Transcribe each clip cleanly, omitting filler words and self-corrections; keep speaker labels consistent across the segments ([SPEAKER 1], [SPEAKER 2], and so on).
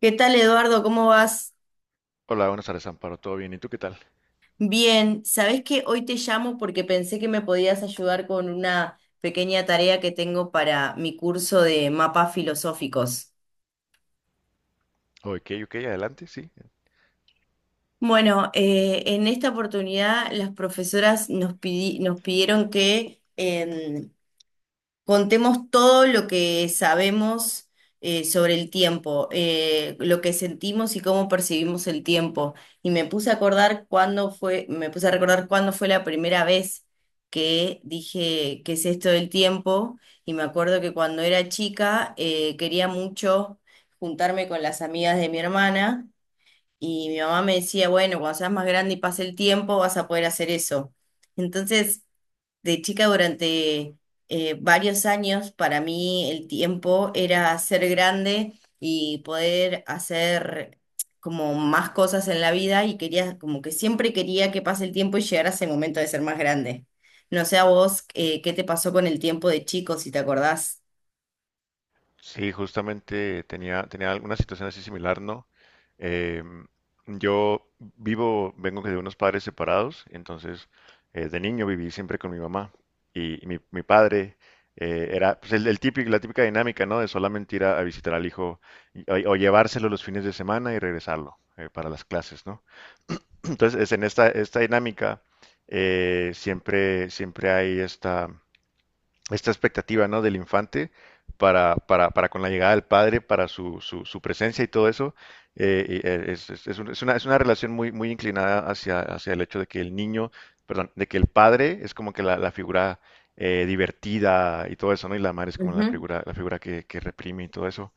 [SPEAKER 1] ¿Qué tal, Eduardo? ¿Cómo vas?
[SPEAKER 2] Hola, buenas tardes, Amparo. ¿Todo bien? ¿Y tú qué tal?
[SPEAKER 1] Bien, ¿sabés que hoy te llamo porque pensé que me podías ayudar con una pequeña tarea que tengo para mi curso de mapas filosóficos?
[SPEAKER 2] Ok, ok, adelante, sí.
[SPEAKER 1] Bueno, en esta oportunidad las profesoras nos pidieron que contemos todo lo que sabemos sobre el tiempo, lo que sentimos y cómo percibimos el tiempo. Y me puse a acordar cuándo fue, me puse a recordar cuándo fue la primera vez que dije qué es esto del tiempo. Y me acuerdo que cuando era chica quería mucho juntarme con las amigas de mi hermana. Y mi mamá me decía, bueno, cuando seas más grande y pase el tiempo, vas a poder hacer eso. Entonces, de chica durante varios años, para mí el tiempo era ser grande y poder hacer como más cosas en la vida y quería, como que siempre quería que pase el tiempo y llegara ese momento de ser más grande. No sé a vos, ¿qué te pasó con el tiempo de chico, si te acordás?
[SPEAKER 2] Sí, justamente tenía alguna situación así similar, ¿no? Em, yo vivo, vengo de unos padres separados, entonces de niño viví siempre con mi mamá y mi padre era pues, el típico, la típica dinámica, ¿no? De solamente ir a visitar al hijo o llevárselo los fines de semana y regresarlo para las clases, ¿no? Entonces, es en esta dinámica siempre, siempre hay esta esta expectativa, ¿no? Del infante para con la llegada del padre, para su presencia y todo eso. Es un- es una relación muy, muy inclinada hacia, hacia el hecho de que el niño, perdón, de que el padre es como que la figura divertida y todo eso, ¿no? Y la madre es como la
[SPEAKER 1] Ujú.
[SPEAKER 2] figura, la figura que reprime y todo eso.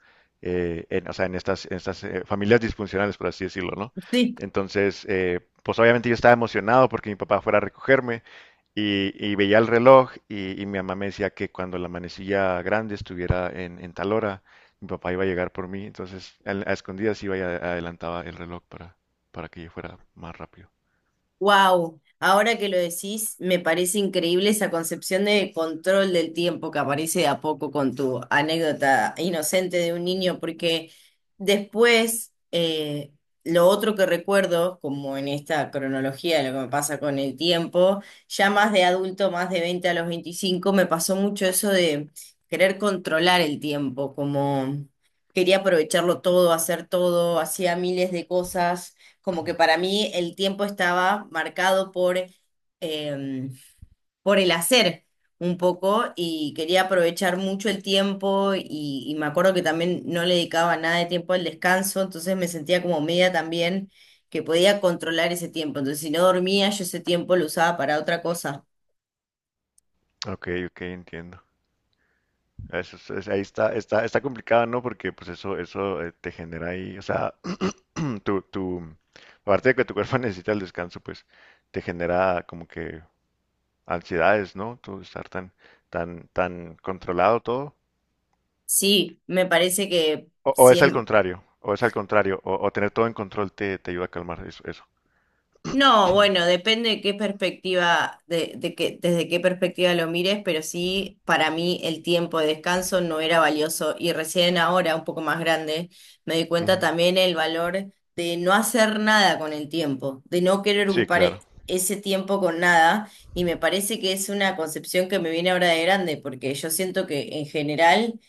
[SPEAKER 2] O sea, en estas familias disfuncionales, por así decirlo, ¿no?
[SPEAKER 1] Sí.
[SPEAKER 2] Entonces, pues obviamente yo estaba emocionado porque mi papá fuera a recogerme y veía el reloj y mi mamá me decía que cuando la manecilla grande estuviera en tal hora, mi papá iba a llegar por mí. Entonces, escondidas iba y adelantaba el reloj para que yo fuera más rápido.
[SPEAKER 1] Wow, ahora que lo decís, me parece increíble esa concepción de control del tiempo que aparece de a poco con tu anécdota inocente de un niño, porque después lo otro que recuerdo, como en esta cronología de lo que me pasa con el tiempo, ya más de adulto, más de 20 a los 25, me pasó mucho eso de querer controlar el tiempo, como quería aprovecharlo todo, hacer todo, hacía miles de cosas como que para mí el tiempo estaba marcado por, em, por el hacer un poco y quería aprovechar mucho el tiempo y me acuerdo que también no le dedicaba nada de tiempo al descanso, entonces me sentía como media también que podía controlar ese tiempo. Entonces si no dormía, yo ese tiempo lo usaba para otra cosa.
[SPEAKER 2] Ok, ok, entiendo. Eso, ahí está complicado, ¿no? Porque pues eso te genera ahí, o sea, tu, tu, aparte de que tu cuerpo necesita el descanso, pues te genera como que ansiedades, ¿no? Tú estar tan controlado todo.
[SPEAKER 1] Sí, me parece que
[SPEAKER 2] O es al contrario, o es al contrario, o tener todo en control te ayuda a calmar eso.
[SPEAKER 1] no, bueno, depende de qué perspectiva, desde qué perspectiva lo mires, pero sí, para mí el tiempo de descanso no era valioso y recién ahora, un poco más grande, me di cuenta
[SPEAKER 2] Ujú.
[SPEAKER 1] también el valor de no hacer nada con el tiempo, de no querer
[SPEAKER 2] Sí, claro.
[SPEAKER 1] ese tiempo con nada y me parece que es una concepción que me viene ahora de grande, porque yo siento que en general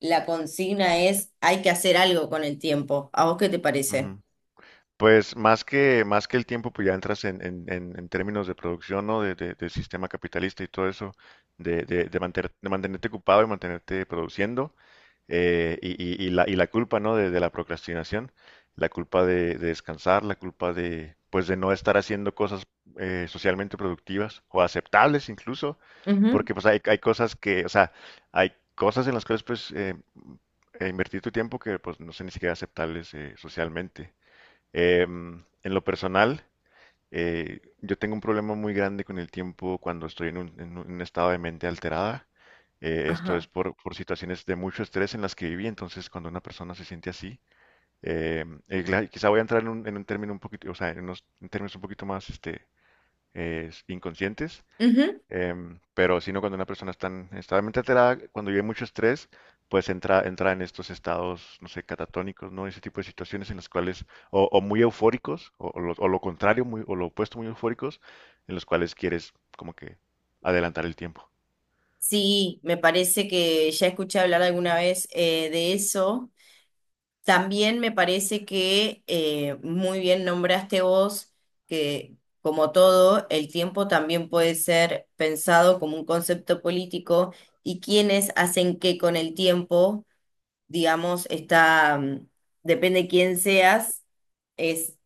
[SPEAKER 1] la consigna es hay que hacer algo con el tiempo. ¿A vos qué te parece?
[SPEAKER 2] Ujú. Pues más que el tiempo, pues ya entras en términos de producción, ¿no? De sistema capitalista y todo eso, de mantenerte ocupado y mantenerte produciendo. Y la culpa, ¿no? De la procrastinación, la culpa de descansar, la culpa de, pues, de no estar haciendo cosas socialmente productivas o aceptables incluso,
[SPEAKER 1] Ujú.
[SPEAKER 2] porque pues hay cosas que, o sea, hay cosas en las cuales pues invertir tu tiempo que pues no son ni siquiera aceptables socialmente. En lo personal, yo tengo un problema muy grande con el tiempo cuando estoy en un estado de mente alterada. Esto es
[SPEAKER 1] Ajá.
[SPEAKER 2] por situaciones de mucho estrés en las que viví. Entonces, cuando una persona se siente así, quizá voy a entrar en un término un poquito, o sea, en unos en términos un poquito más inconscientes.
[SPEAKER 1] Ujú.
[SPEAKER 2] Pero sino cuando una persona está realmente alterada, cuando vive mucho estrés, pues entra, entra en estos estados, no sé, catatónicos, ¿no? Ese tipo de situaciones en las cuales, o muy eufóricos, o lo contrario, muy, o lo opuesto, muy eufóricos, en los cuales quieres como que adelantar el tiempo.
[SPEAKER 1] Sí, me parece que ya escuché hablar alguna vez de eso. También me parece que muy bien nombraste vos que, como todo, el tiempo también puede ser pensado como un concepto político y quienes hacen qué con el tiempo, digamos, depende de quién seas, es,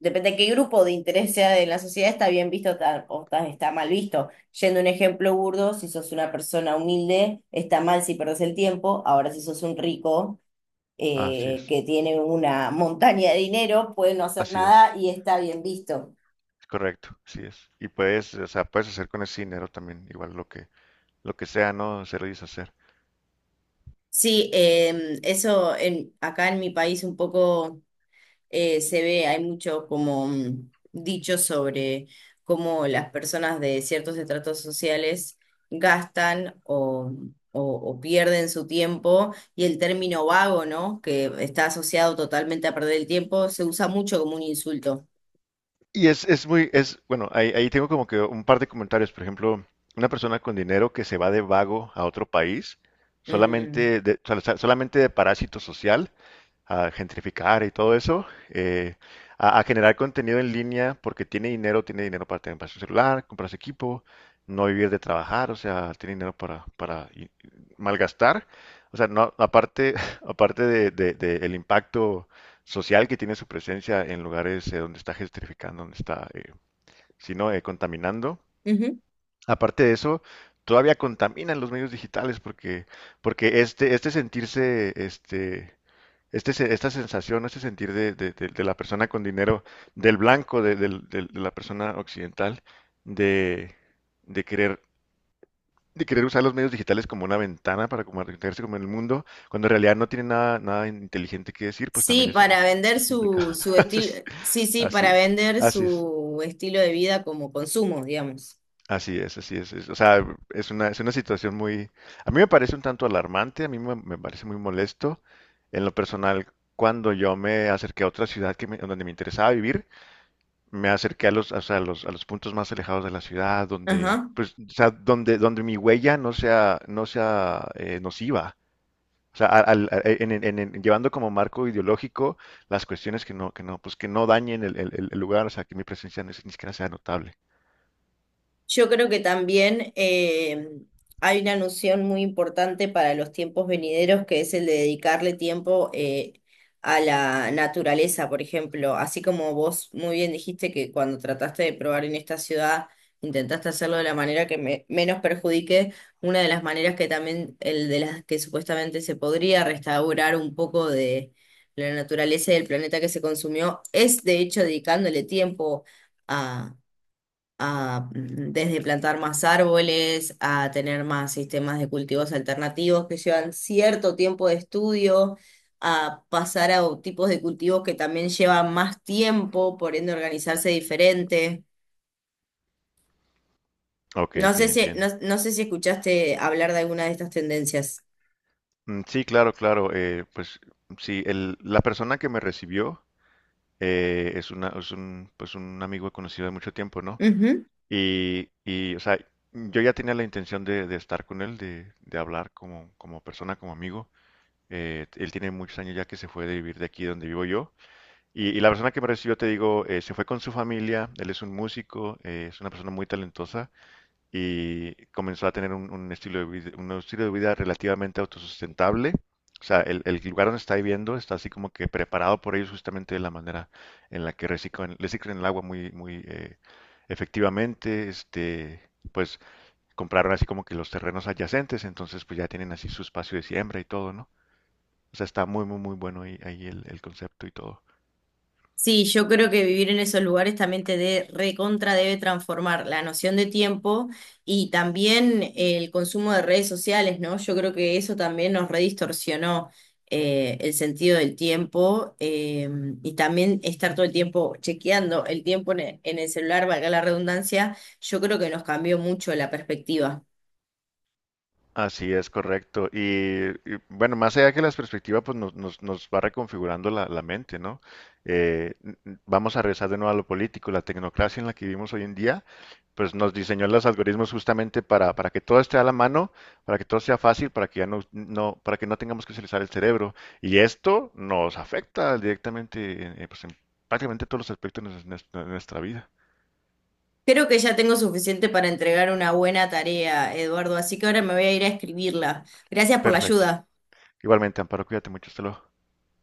[SPEAKER 1] depende de qué grupo de interés sea de la sociedad, está bien visto está mal visto. Yendo a un ejemplo burdo, si sos una persona humilde, está mal si perdés el tiempo. Ahora, si sos un rico
[SPEAKER 2] Así es,
[SPEAKER 1] que tiene una montaña de dinero, puede no hacer
[SPEAKER 2] así
[SPEAKER 1] nada y está bien visto.
[SPEAKER 2] es correcto, así es. Y puedes, o sea, puedes hacer con ese dinero también, igual lo que sea, ¿no? Hacer y deshacer.
[SPEAKER 1] Sí, em, eso en, acá en mi país un poco se ve, hay mucho como dicho sobre cómo las personas de ciertos estratos sociales gastan o pierden su tiempo y el término vago, ¿no? Que está asociado totalmente a perder el tiempo, se usa mucho como un insulto.
[SPEAKER 2] Y es muy, es, bueno, ahí, ahí tengo como que un par de comentarios. Por ejemplo, una persona con dinero que se va de vago a otro país,
[SPEAKER 1] Mm.
[SPEAKER 2] solamente solamente de parásito social, a gentrificar y todo eso, eh, a generar contenido en línea porque tiene dinero para tener para su celular, comprarse equipo, no vivir de trabajar, o sea, tiene dinero para, y malgastar. O sea, no, aparte, aparte de el impacto social que tiene su presencia en lugares donde está gentrificando, donde está, si no, contaminando.
[SPEAKER 1] Ujú.
[SPEAKER 2] Aparte de eso, todavía contaminan los medios digitales porque, porque este sentirse, este, se- esta sensación, este sentir de la persona con dinero, del blanco, de la persona occidental, de, de querer, de querer usar los medios digitales como una ventana para comunicarse con el mundo, cuando en realidad no tiene nada, nada inteligente que decir, pues
[SPEAKER 1] Sí,
[SPEAKER 2] también
[SPEAKER 1] para vender
[SPEAKER 2] es complicado.
[SPEAKER 1] su, su estilo,
[SPEAKER 2] Es-
[SPEAKER 1] sí, sí,
[SPEAKER 2] Así,
[SPEAKER 1] para vender
[SPEAKER 2] así es,
[SPEAKER 1] su estilo de vida como consumo, digamos.
[SPEAKER 2] así es, así es, o sea, es una situación muy, a mí me parece un tanto alarmante, a mí me, me parece muy molesto. En lo personal, cuando yo me acerqué a otra ciudad donde me interesaba vivir, me acerqué a los, o sea, a los puntos más alejados de la ciudad, donde,
[SPEAKER 1] Ajá.
[SPEAKER 2] pues, o sea, donde, donde mi huella no sea, no sea nociva. O sea, llevando como marco ideológico las cuestiones que no, pues que no dañen el lugar, o sea, que mi presencia ni siquiera sea notable.
[SPEAKER 1] Yo creo que también hay una noción muy importante para los tiempos venideros que es el de dedicarle tiempo a la naturaleza, por ejemplo. Así como vos muy bien dijiste que cuando trataste de probar en esta ciudad, intentaste hacerlo de la manera que menos perjudique, una de las maneras que también, el de las que supuestamente se podría restaurar un poco de la naturaleza y del planeta que se consumió, es de hecho dedicándole tiempo a mm, desde plantar más árboles, a tener más sistemas de cultivos alternativos que llevan cierto tiempo de estudio, a pasar a o- tipos de cultivos que también llevan más tiempo, por ende organizarse diferente.
[SPEAKER 2] Ok,
[SPEAKER 1] No
[SPEAKER 2] ok,
[SPEAKER 1] sé si, no,
[SPEAKER 2] entiendo.
[SPEAKER 1] no sé si escuchaste hablar de alguna de estas tendencias.
[SPEAKER 2] Mm. Sí, claro, claro. Pues sí, la persona que me recibió es una, es un, pues un amigo conocido de mucho tiempo, ¿no? O sea, yo ya tenía la intención de estar con él, de hablar como, como persona, como amigo. Él tiene muchos años ya que se fue de vivir de aquí donde vivo yo. Y la persona que me recibió, te digo, se fue con su familia. Él es un músico, es una persona muy talentosa. Y comenzó a tener un estilo de vida, un estilo de vida relativamente autosustentable. O sea, el lugar donde está viviendo está así como que preparado por ellos justamente de la manera en la que reciclan, reciclan el agua muy, muy efectivamente. Este, pues compraron así como que los terrenos adyacentes, entonces pues ya tienen así su espacio de siembra y todo, ¿no? O sea, está muy, muy, muy bueno ahí, ahí el concepto y todo.
[SPEAKER 1] Sí, yo creo que vivir en esos lugares también recontra debe transformar la noción de tiempo y también el consumo de redes sociales, ¿no? Yo creo que eso también nos redistorsionó el sentido del tiempo, y también estar todo el tiempo chequeando el tiempo en el celular, valga la redundancia, yo creo que nos cambió mucho la perspectiva.
[SPEAKER 2] Así es, correcto. Bueno, más allá que las perspectivas, pues nos va reconfigurando la mente, ¿no? Vamos a regresar de nuevo a lo político. La tecnocracia en la que vivimos hoy en día, pues nos diseñó los algoritmos justamente para que todo esté a la mano, para que todo sea fácil, para que ya no, no, para que no tengamos que utilizar el cerebro. Y esto nos afecta directamente en, pues, en prácticamente todos los aspectos de nuestra vida.
[SPEAKER 1] Creo que ya tengo suficiente para entregar una buena tarea, Eduardo, así que ahora me voy a ir a escribirla. Gracias por la
[SPEAKER 2] Perfecto.
[SPEAKER 1] ayuda.
[SPEAKER 2] Igualmente, Amparo, cuídate mucho. Hasta luego.